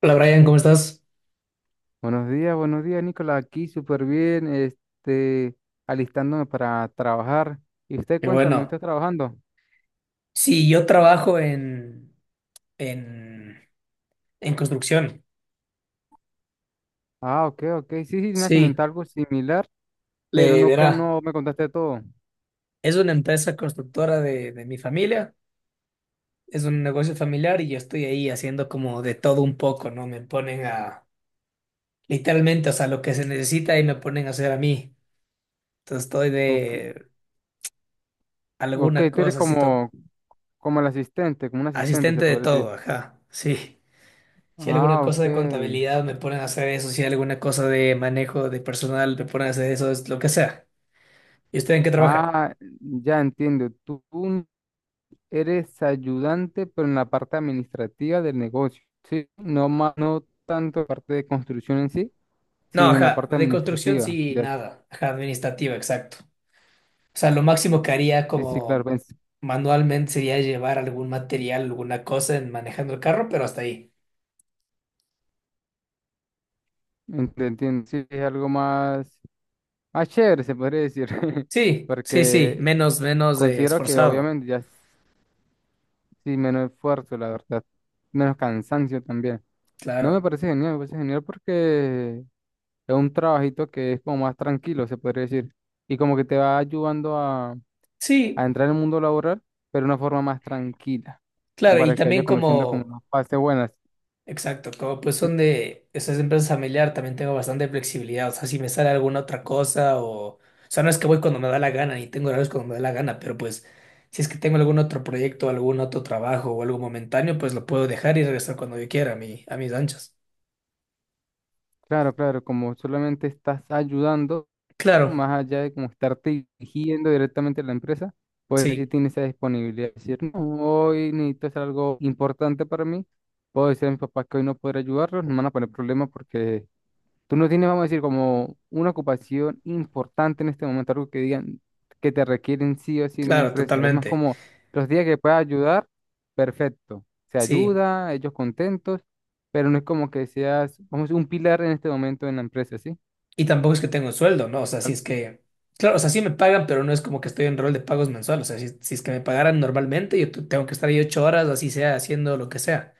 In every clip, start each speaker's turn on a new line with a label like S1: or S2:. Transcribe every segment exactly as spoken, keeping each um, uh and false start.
S1: Hola Brian, ¿cómo estás?
S2: Buenos días, buenos días, Nicolás. Aquí súper bien, este, alistándome para trabajar. Y usted
S1: Qué
S2: cuéntame,
S1: bueno.
S2: ¿usted trabajando?
S1: Sí, yo trabajo en, en, en construcción.
S2: Ah, ok, ok. Sí, sí, me ha
S1: Sí,
S2: algo similar, pero
S1: le
S2: nunca
S1: verá.
S2: no me contaste todo.
S1: Es una empresa constructora de, de mi familia, es un negocio familiar y yo estoy ahí haciendo como de todo un poco, ¿no? Me ponen a, literalmente, o sea, lo que se necesita y me ponen a hacer a mí. Entonces estoy
S2: Ok,
S1: de
S2: ok,
S1: alguna
S2: tú eres
S1: cosa, así to-
S2: como, como el asistente, como un asistente, se
S1: asistente de
S2: podría decir.
S1: todo, ajá, sí. Si hay alguna
S2: Ah,
S1: cosa de
S2: ok.
S1: contabilidad me ponen a hacer eso, si hay alguna cosa de manejo de personal me ponen a hacer eso, es lo que sea. ¿Y usted en qué trabaja?
S2: Ah, ya entiendo. Tú un- eres ayudante, pero en la parte administrativa del negocio. Sí, no más, no tanto parte de construcción en sí.
S1: No,
S2: Sí, en la
S1: ajá,
S2: parte
S1: de construcción
S2: administrativa.
S1: sí,
S2: Ya,
S1: nada. Ajá, administrativa, exacto. O sea, lo máximo que haría
S2: sí, sí, claro,
S1: como
S2: ven-
S1: manualmente sería llevar algún material, alguna cosa en manejando el carro, pero hasta ahí.
S2: ent- entiendo. Sí, es algo más, más chévere, se podría decir.
S1: Sí, sí, sí,
S2: Porque
S1: menos, menos eh,
S2: considero que
S1: esforzado.
S2: obviamente ya es- sí, menos esfuerzo, la verdad. Menos cansancio también. No me
S1: Claro.
S2: parece genial, me parece genial porque es un trabajito que es como más tranquilo, se podría decir. Y como que te va ayudando a, a
S1: Sí,
S2: entrar en el mundo laboral, pero de una forma más tranquila. Como
S1: claro, y
S2: para que vayas
S1: también
S2: conociendo como
S1: como...
S2: las fases buenas.
S1: Exacto, como pues son de esas empresas familiar, también tengo bastante flexibilidad. O sea, si me sale alguna otra cosa o... O sea, no es que voy cuando me da la gana y tengo horarios cuando me da la gana, pero pues si es que tengo algún otro proyecto, algún otro trabajo o algo momentáneo, pues lo puedo dejar y regresar cuando yo quiera a mi, a mis anchas.
S2: Claro, claro, como solamente estás ayudando,
S1: Claro,
S2: más allá de como estarte dirigiendo directamente a la empresa, pues si
S1: sí,
S2: tienes esa disponibilidad de decir, no, hoy necesito hacer algo importante para mí, puedo decir a mis papás que hoy no podré ayudarlos, no me van a poner problemas porque tú no tienes, vamos a decir, como una ocupación importante en este momento, algo que digan que te requieren sí o sí en la
S1: claro,
S2: empresa. Es más
S1: totalmente.
S2: como los días que puedas ayudar, perfecto. Se
S1: Sí,
S2: ayuda, ellos contentos, pero no es como que seas, vamos a decir, un pilar en este momento en la empresa, ¿sí?
S1: y tampoco es que tengo un sueldo, ¿no? O sea, si
S2: Al
S1: es que... Claro, o sea, sí me pagan, pero no es como que estoy en rol de pagos mensuales. O sea, si, si es que me pagaran normalmente, yo tu- tengo que estar ahí ocho horas, así sea, haciendo lo que sea.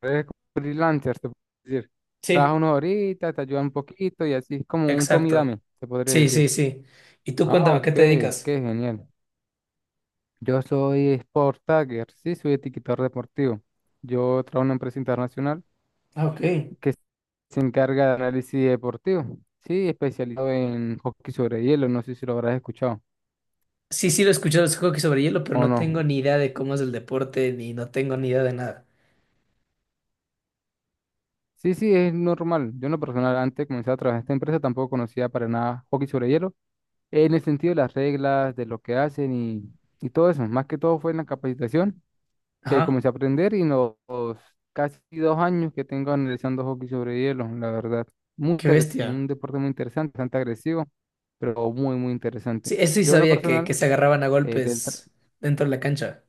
S2: revés, como freelancer, se puede decir. Trabaja
S1: Sí.
S2: uno ahorita, te ayuda un poquito y así es como un tome y
S1: Exacto.
S2: dame, se podría
S1: Sí,
S2: decir.
S1: sí, sí. Y tú
S2: Ah,
S1: cuéntame, ¿a qué
S2: ok,
S1: te
S2: qué
S1: dedicas?
S2: genial. Yo soy Sport Tagger, sí, soy etiquetador deportivo. Yo trabajo en una empresa internacional
S1: Ah, ok.
S2: que se encarga de análisis deportivo, sí, especializado en hockey sobre hielo, no sé si lo habrás escuchado
S1: Sí, sí, lo he escuchado, es hockey sobre hielo, pero
S2: o
S1: no tengo
S2: no.
S1: ni idea de cómo es el deporte, ni no tengo ni idea de nada.
S2: Sí, sí, es normal. Yo en lo personal, antes de comenzar a trabajar en esta empresa, tampoco conocía para nada hockey sobre hielo, en el sentido de las reglas, de lo que hacen y, y todo eso. Más que todo fue en la capacitación que
S1: Ajá,
S2: comencé a aprender y en los casi dos años que tengo analizando hockey sobre hielo, la verdad. Muy
S1: qué
S2: interesante, un
S1: bestia.
S2: deporte muy interesante, bastante agresivo, pero muy, muy interesante.
S1: Sí, eso sí
S2: De una
S1: sabía que,
S2: personal,
S1: que se agarraban a
S2: eh, del tra-
S1: golpes dentro de la cancha.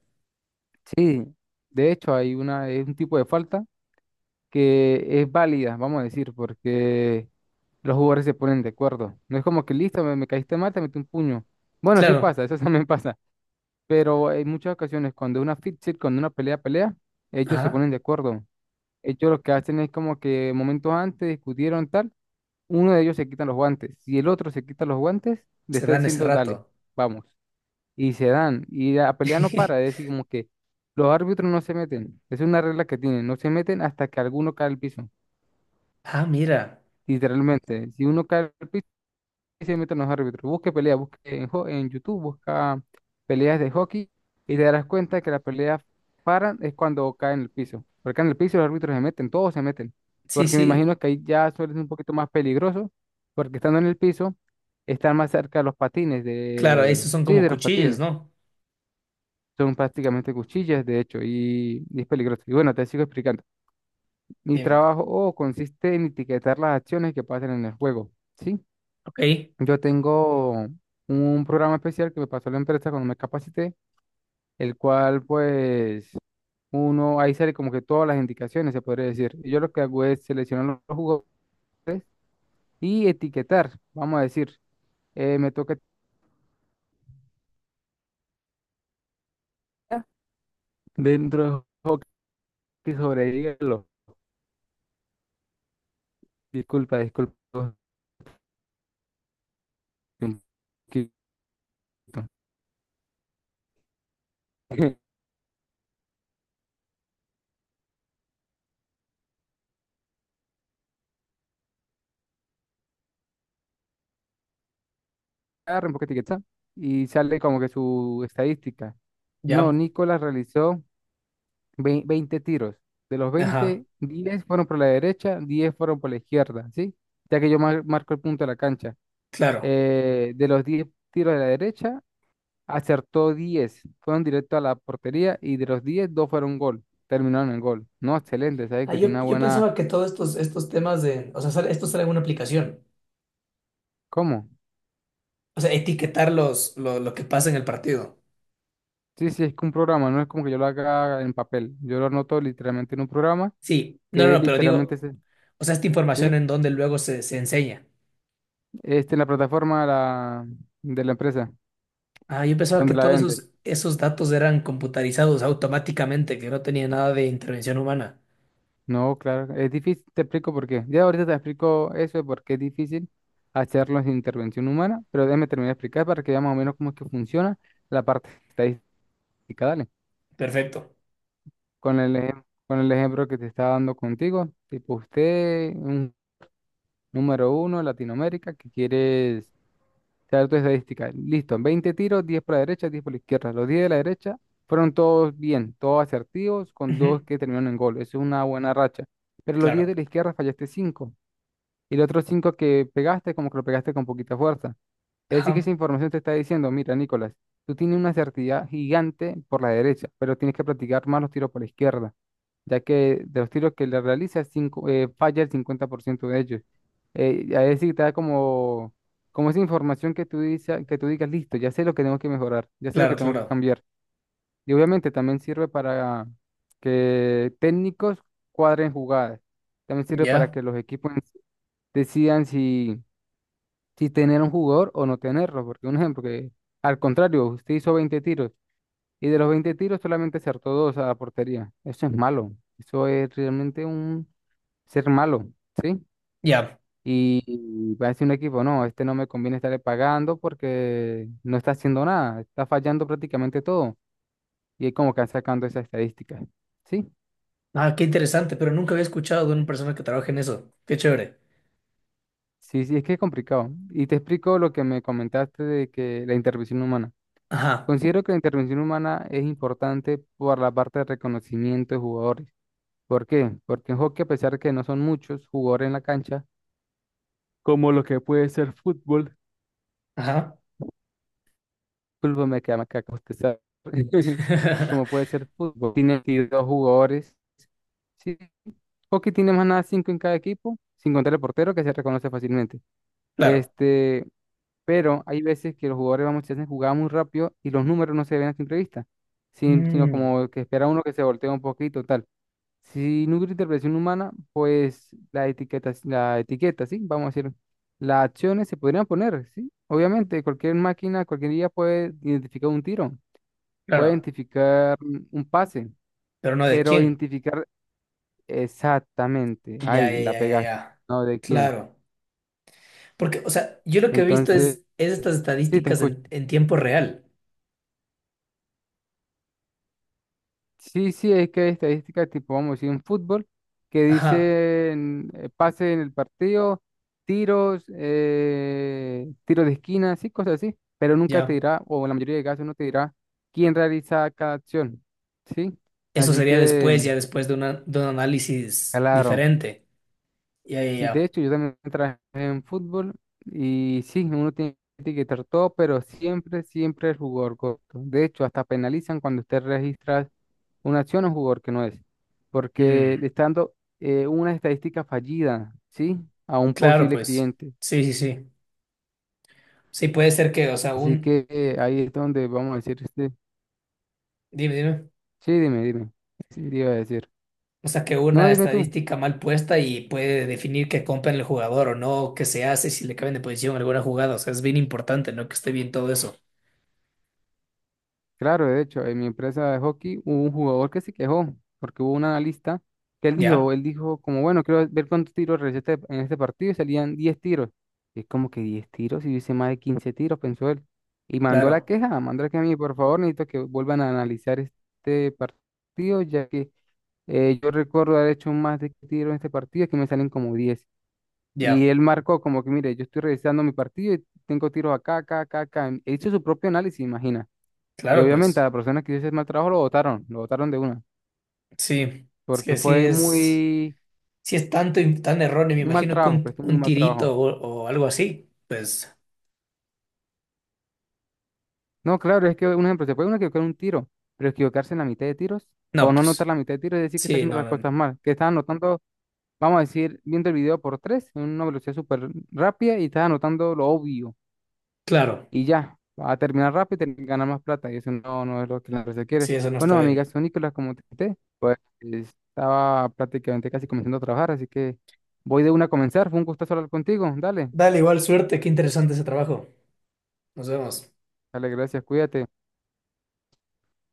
S2: Sí, de hecho hay una, es un tipo de falta que es válida, vamos a decir, porque los jugadores se ponen de acuerdo. No es como que listo, me, me caíste mal, te metí un puño. Bueno, sí
S1: Claro,
S2: pasa, eso también pasa. Pero en muchas ocasiones, cuando es una fight, cuando una pelea, pelea, ellos se
S1: ajá,
S2: ponen de acuerdo. Ellos lo que hacen es como que momentos antes discutieron tal, uno de ellos se quita los guantes. Si el otro se quita los guantes, le
S1: se
S2: está
S1: dan ese
S2: diciendo, dale,
S1: rato.
S2: vamos. Y se dan. Y la pelea no para, es decir, como que los árbitros no se meten. Es una regla que tienen, no se meten hasta que alguno cae al piso.
S1: Ah, mira,
S2: Literalmente, si uno cae al piso, y se meten los árbitros. Busque peleas, busque en, ho- en YouTube, busca peleas de hockey y te darás cuenta que las peleas paran es cuando caen en el piso. Porque caen en el piso los árbitros se meten, todos se meten.
S1: sí,
S2: Porque me
S1: sí,
S2: imagino que ahí ya suele ser un poquito más peligroso, porque estando en el piso, están más cerca de los patines,
S1: claro,
S2: de...
S1: esos son
S2: sí,
S1: como
S2: de los
S1: cuchillas,
S2: patines.
S1: ¿no?
S2: Son prácticamente cuchillas, de hecho, y, y es peligroso. Y bueno, te sigo explicando. Mi
S1: Dime.
S2: trabajo oh, consiste en etiquetar las acciones que pasan en el juego, ¿sí?
S1: Ok,
S2: Yo tengo un programa especial que me pasó la empresa cuando me capacité, el cual pues uno ahí sale como que todas las indicaciones, se podría decir. Y yo lo que hago es seleccionar los los jugos y etiquetar, vamos a decir, eh, me toca etiquetar dentro del juego que sobrevive los- Disculpa, disculpa. Un poquito. Agarra un poco etiqueta y sale como que su estadística. No,
S1: ya,
S2: Nicolás realizó Ve- veinte tiros. De los
S1: ajá,
S2: veinte diez fueron por la derecha, diez fueron por la izquierda, ¿sí? Ya que yo mar- marco el punto de la cancha.
S1: claro.
S2: Eh, de los diez tiros de la derecha, acertó diez. Fueron directo a la portería y de los diez dos fueron gol. Terminaron en gol. No, excelente, ¿saben?
S1: Ah,
S2: Que tiene
S1: yo,
S2: una
S1: yo
S2: buena...
S1: pensaba que todos estos, estos temas de, o sea, sale- esto sale en una aplicación.
S2: ¿Cómo?
S1: O sea, etiquetar los, lo, lo que pasa en el partido.
S2: Sí, sí, es que un programa, no es como que yo lo haga en papel. Yo lo anoto literalmente en un programa
S1: Sí, no, no,
S2: que es
S1: no, pero
S2: literalmente,
S1: digo,
S2: ese-
S1: o sea, esta información
S2: ¿sí?
S1: en donde luego se, se enseña.
S2: Este en la plataforma de la, de la empresa,
S1: Ah, yo pensaba que
S2: donde la
S1: todos
S2: vende.
S1: esos, esos datos eran computarizados automáticamente, que no tenía nada de intervención humana.
S2: No, claro, es difícil, te explico por qué. Ya ahorita te explico eso de por qué es difícil hacerlo sin intervención humana, pero déjame terminar de explicar para que veas más o menos cómo es que funciona la parte estadística. Dale,
S1: Perfecto.
S2: con el ejem- con el ejemplo que te estaba dando contigo, tipo usted, un número uno, Latinoamérica, que quieres saber tu estadística. Listo, veinte tiros, diez por la derecha, diez por la izquierda. Los diez de la derecha fueron todos bien, todos asertivos, con dos
S1: Ujú.
S2: que terminaron en gol. Eso es una buena racha. Pero los diez de
S1: Claro.
S2: la izquierda fallaste cinco. Y los otros cinco que pegaste, como que lo pegaste con poquita fuerza. Es decir, que esa
S1: Ajá.
S2: información te está diciendo, mira, Nicolás, tú tienes una certidumbre gigante por la derecha, pero tienes que practicar más los tiros por la izquierda, ya que de los tiros que le realizas, cinco, eh, falla el cincuenta por ciento de ellos. Eh, y a decir, te da como, como esa información que tú dices, que tú digas, listo, ya sé lo que tengo que mejorar, ya sé lo
S1: Claro,
S2: que tengo que
S1: claro.
S2: cambiar. Y obviamente también sirve para que técnicos cuadren jugadas. También sirve para
S1: Ya,
S2: que los equipos en sí decidan si si tener un jugador o no tenerlo. Porque un ejemplo que, al contrario, usted hizo veinte tiros y de los veinte tiros solamente acertó dos a la portería. Eso es malo. Eso es realmente un ser malo, ¿sí?
S1: ya.
S2: Y y va a decir un equipo, no, este no me conviene estarle pagando porque no está haciendo nada, está fallando prácticamente todo. Y es como que van sacando esas estadísticas, ¿sí?
S1: Ah, qué interesante, pero nunca había escuchado de una persona que trabaje en eso. Qué chévere.
S2: Sí, sí, es que es complicado. Y te explico lo que me comentaste de que la intervención humana.
S1: Ajá,
S2: Considero que la intervención humana es importante por la parte de reconocimiento de jugadores. ¿Por qué? Porque en hockey, a pesar que no son muchos jugadores en la cancha, como lo que puede ser fútbol,
S1: ajá.
S2: fútbol me queda más caca, usted sabe, como puede ser fútbol, tiene veintidós jugadores. Sí, hockey tiene más nada cinco en cada equipo, sin contar el portero que se reconoce fácilmente.
S1: Claro.
S2: Este, pero hay veces que los jugadores vamos se hacen jugadas muy rápido y los números no se ven a simple vista, sin- sino
S1: Mm,
S2: como que espera uno que se voltee un poquito, tal. Si no hubiera interpretación humana, pues la etiqueta, la etiqueta, ¿sí? Vamos a decir, las acciones se podrían poner, ¿sí? Obviamente, cualquier máquina, cualquier día puede identificar un tiro, puede
S1: claro.
S2: identificar un pase,
S1: Pero no de
S2: pero
S1: quién.
S2: identificar exactamente,
S1: Ya,
S2: ahí
S1: ya,
S2: la
S1: ya, ya,
S2: pegaste,
S1: ya.
S2: ¿no? ¿De quién?
S1: Claro. Porque, o sea, yo lo que he visto
S2: Entonces,
S1: es, es estas
S2: sí, te
S1: estadísticas
S2: escucho.
S1: en, en tiempo real.
S2: Sí, sí, es que hay estadísticas tipo, vamos a decir, en fútbol, que
S1: Ajá,
S2: dicen eh, pase en el partido, tiros, eh, tiros de esquina, así, cosas así, pero nunca te
S1: ya.
S2: dirá, o en la mayoría de casos no te dirá quién realiza cada acción, ¿sí?
S1: Eso
S2: Así
S1: sería después,
S2: que,
S1: ya después de, una, de un análisis
S2: claro,
S1: diferente. Ya, ya,
S2: sí, de
S1: ya.
S2: hecho, yo también trabajé en fútbol y sí, uno tiene que etiquetar todo, pero siempre, siempre el jugador corto. De hecho, hasta penalizan cuando usted registra una acción a un jugador que no es,
S1: Mm,
S2: porque le está dando eh, una estadística fallida, ¿sí? A un
S1: claro,
S2: posible
S1: pues.
S2: cliente.
S1: Sí, sí, sí. Sí, puede ser que, o sea,
S2: Así
S1: un...
S2: que eh, ahí es donde vamos a decir, este-
S1: Dime, dime.
S2: sí, dime, dime, ¿qué iba a decir?
S1: O sea, que
S2: No,
S1: una
S2: dime tú.
S1: estadística mal puesta y puede definir que compran el jugador o no, qué se hace, si le cambian de posición alguna jugada. O sea, es bien importante, ¿no? Que esté bien todo eso.
S2: Claro, de hecho, en mi empresa de hockey hubo un jugador que se quejó, porque hubo un analista que él dijo,
S1: Ya,
S2: él dijo como, bueno, quiero ver cuántos tiros realicé este- en este partido y salían diez tiros. Y es como que diez tiros, y yo hice más de quince tiros, pensó él. Y mandó la
S1: claro,
S2: queja, mandó la queja a mí, por favor, necesito que vuelvan a analizar este partido, ya que eh, yo recuerdo haber hecho más de tiros en este partido, que me salen como diez. Y
S1: ya.
S2: él marcó como que, mire, yo estoy revisando mi partido y tengo tiros acá, acá, acá, acá. Él hizo su propio análisis, imagina. Y
S1: Claro,
S2: obviamente a
S1: pues.
S2: la persona que hizo ese mal trabajo lo votaron, lo votaron de una,
S1: Sí. Es
S2: porque
S1: que sí
S2: fue
S1: es.
S2: muy,
S1: Si es tanto y tan erróneo, me
S2: un mal
S1: imagino que
S2: trabajo,
S1: un,
S2: prestó muy
S1: un
S2: mal trabajo.
S1: tirito o, o algo así. Pues,
S2: No, claro, es que un ejemplo, se puede uno equivocar en un tiro, pero equivocarse en la mitad de tiros o
S1: no,
S2: no anotar
S1: pues,
S2: la mitad de tiros es decir que está
S1: sí,
S2: haciendo
S1: no,
S2: las
S1: no,
S2: cosas
S1: no.
S2: mal, que está anotando, vamos a decir, viendo el video por tres en una velocidad súper rápida y está anotando lo obvio,
S1: Claro,
S2: y ya, va a terminar rápido y tener- ganar más plata. Y eso no, no es lo que la empresa quiere.
S1: sí, eso no está
S2: Bueno, amiga,
S1: bien.
S2: soy Nicolás, como te conté, pues estaba prácticamente casi comenzando a trabajar, así que voy de una a comenzar. Fue un gusto hablar contigo. Dale,
S1: Dale, igual suerte, qué interesante ese trabajo. Nos vemos.
S2: dale, gracias, cuídate.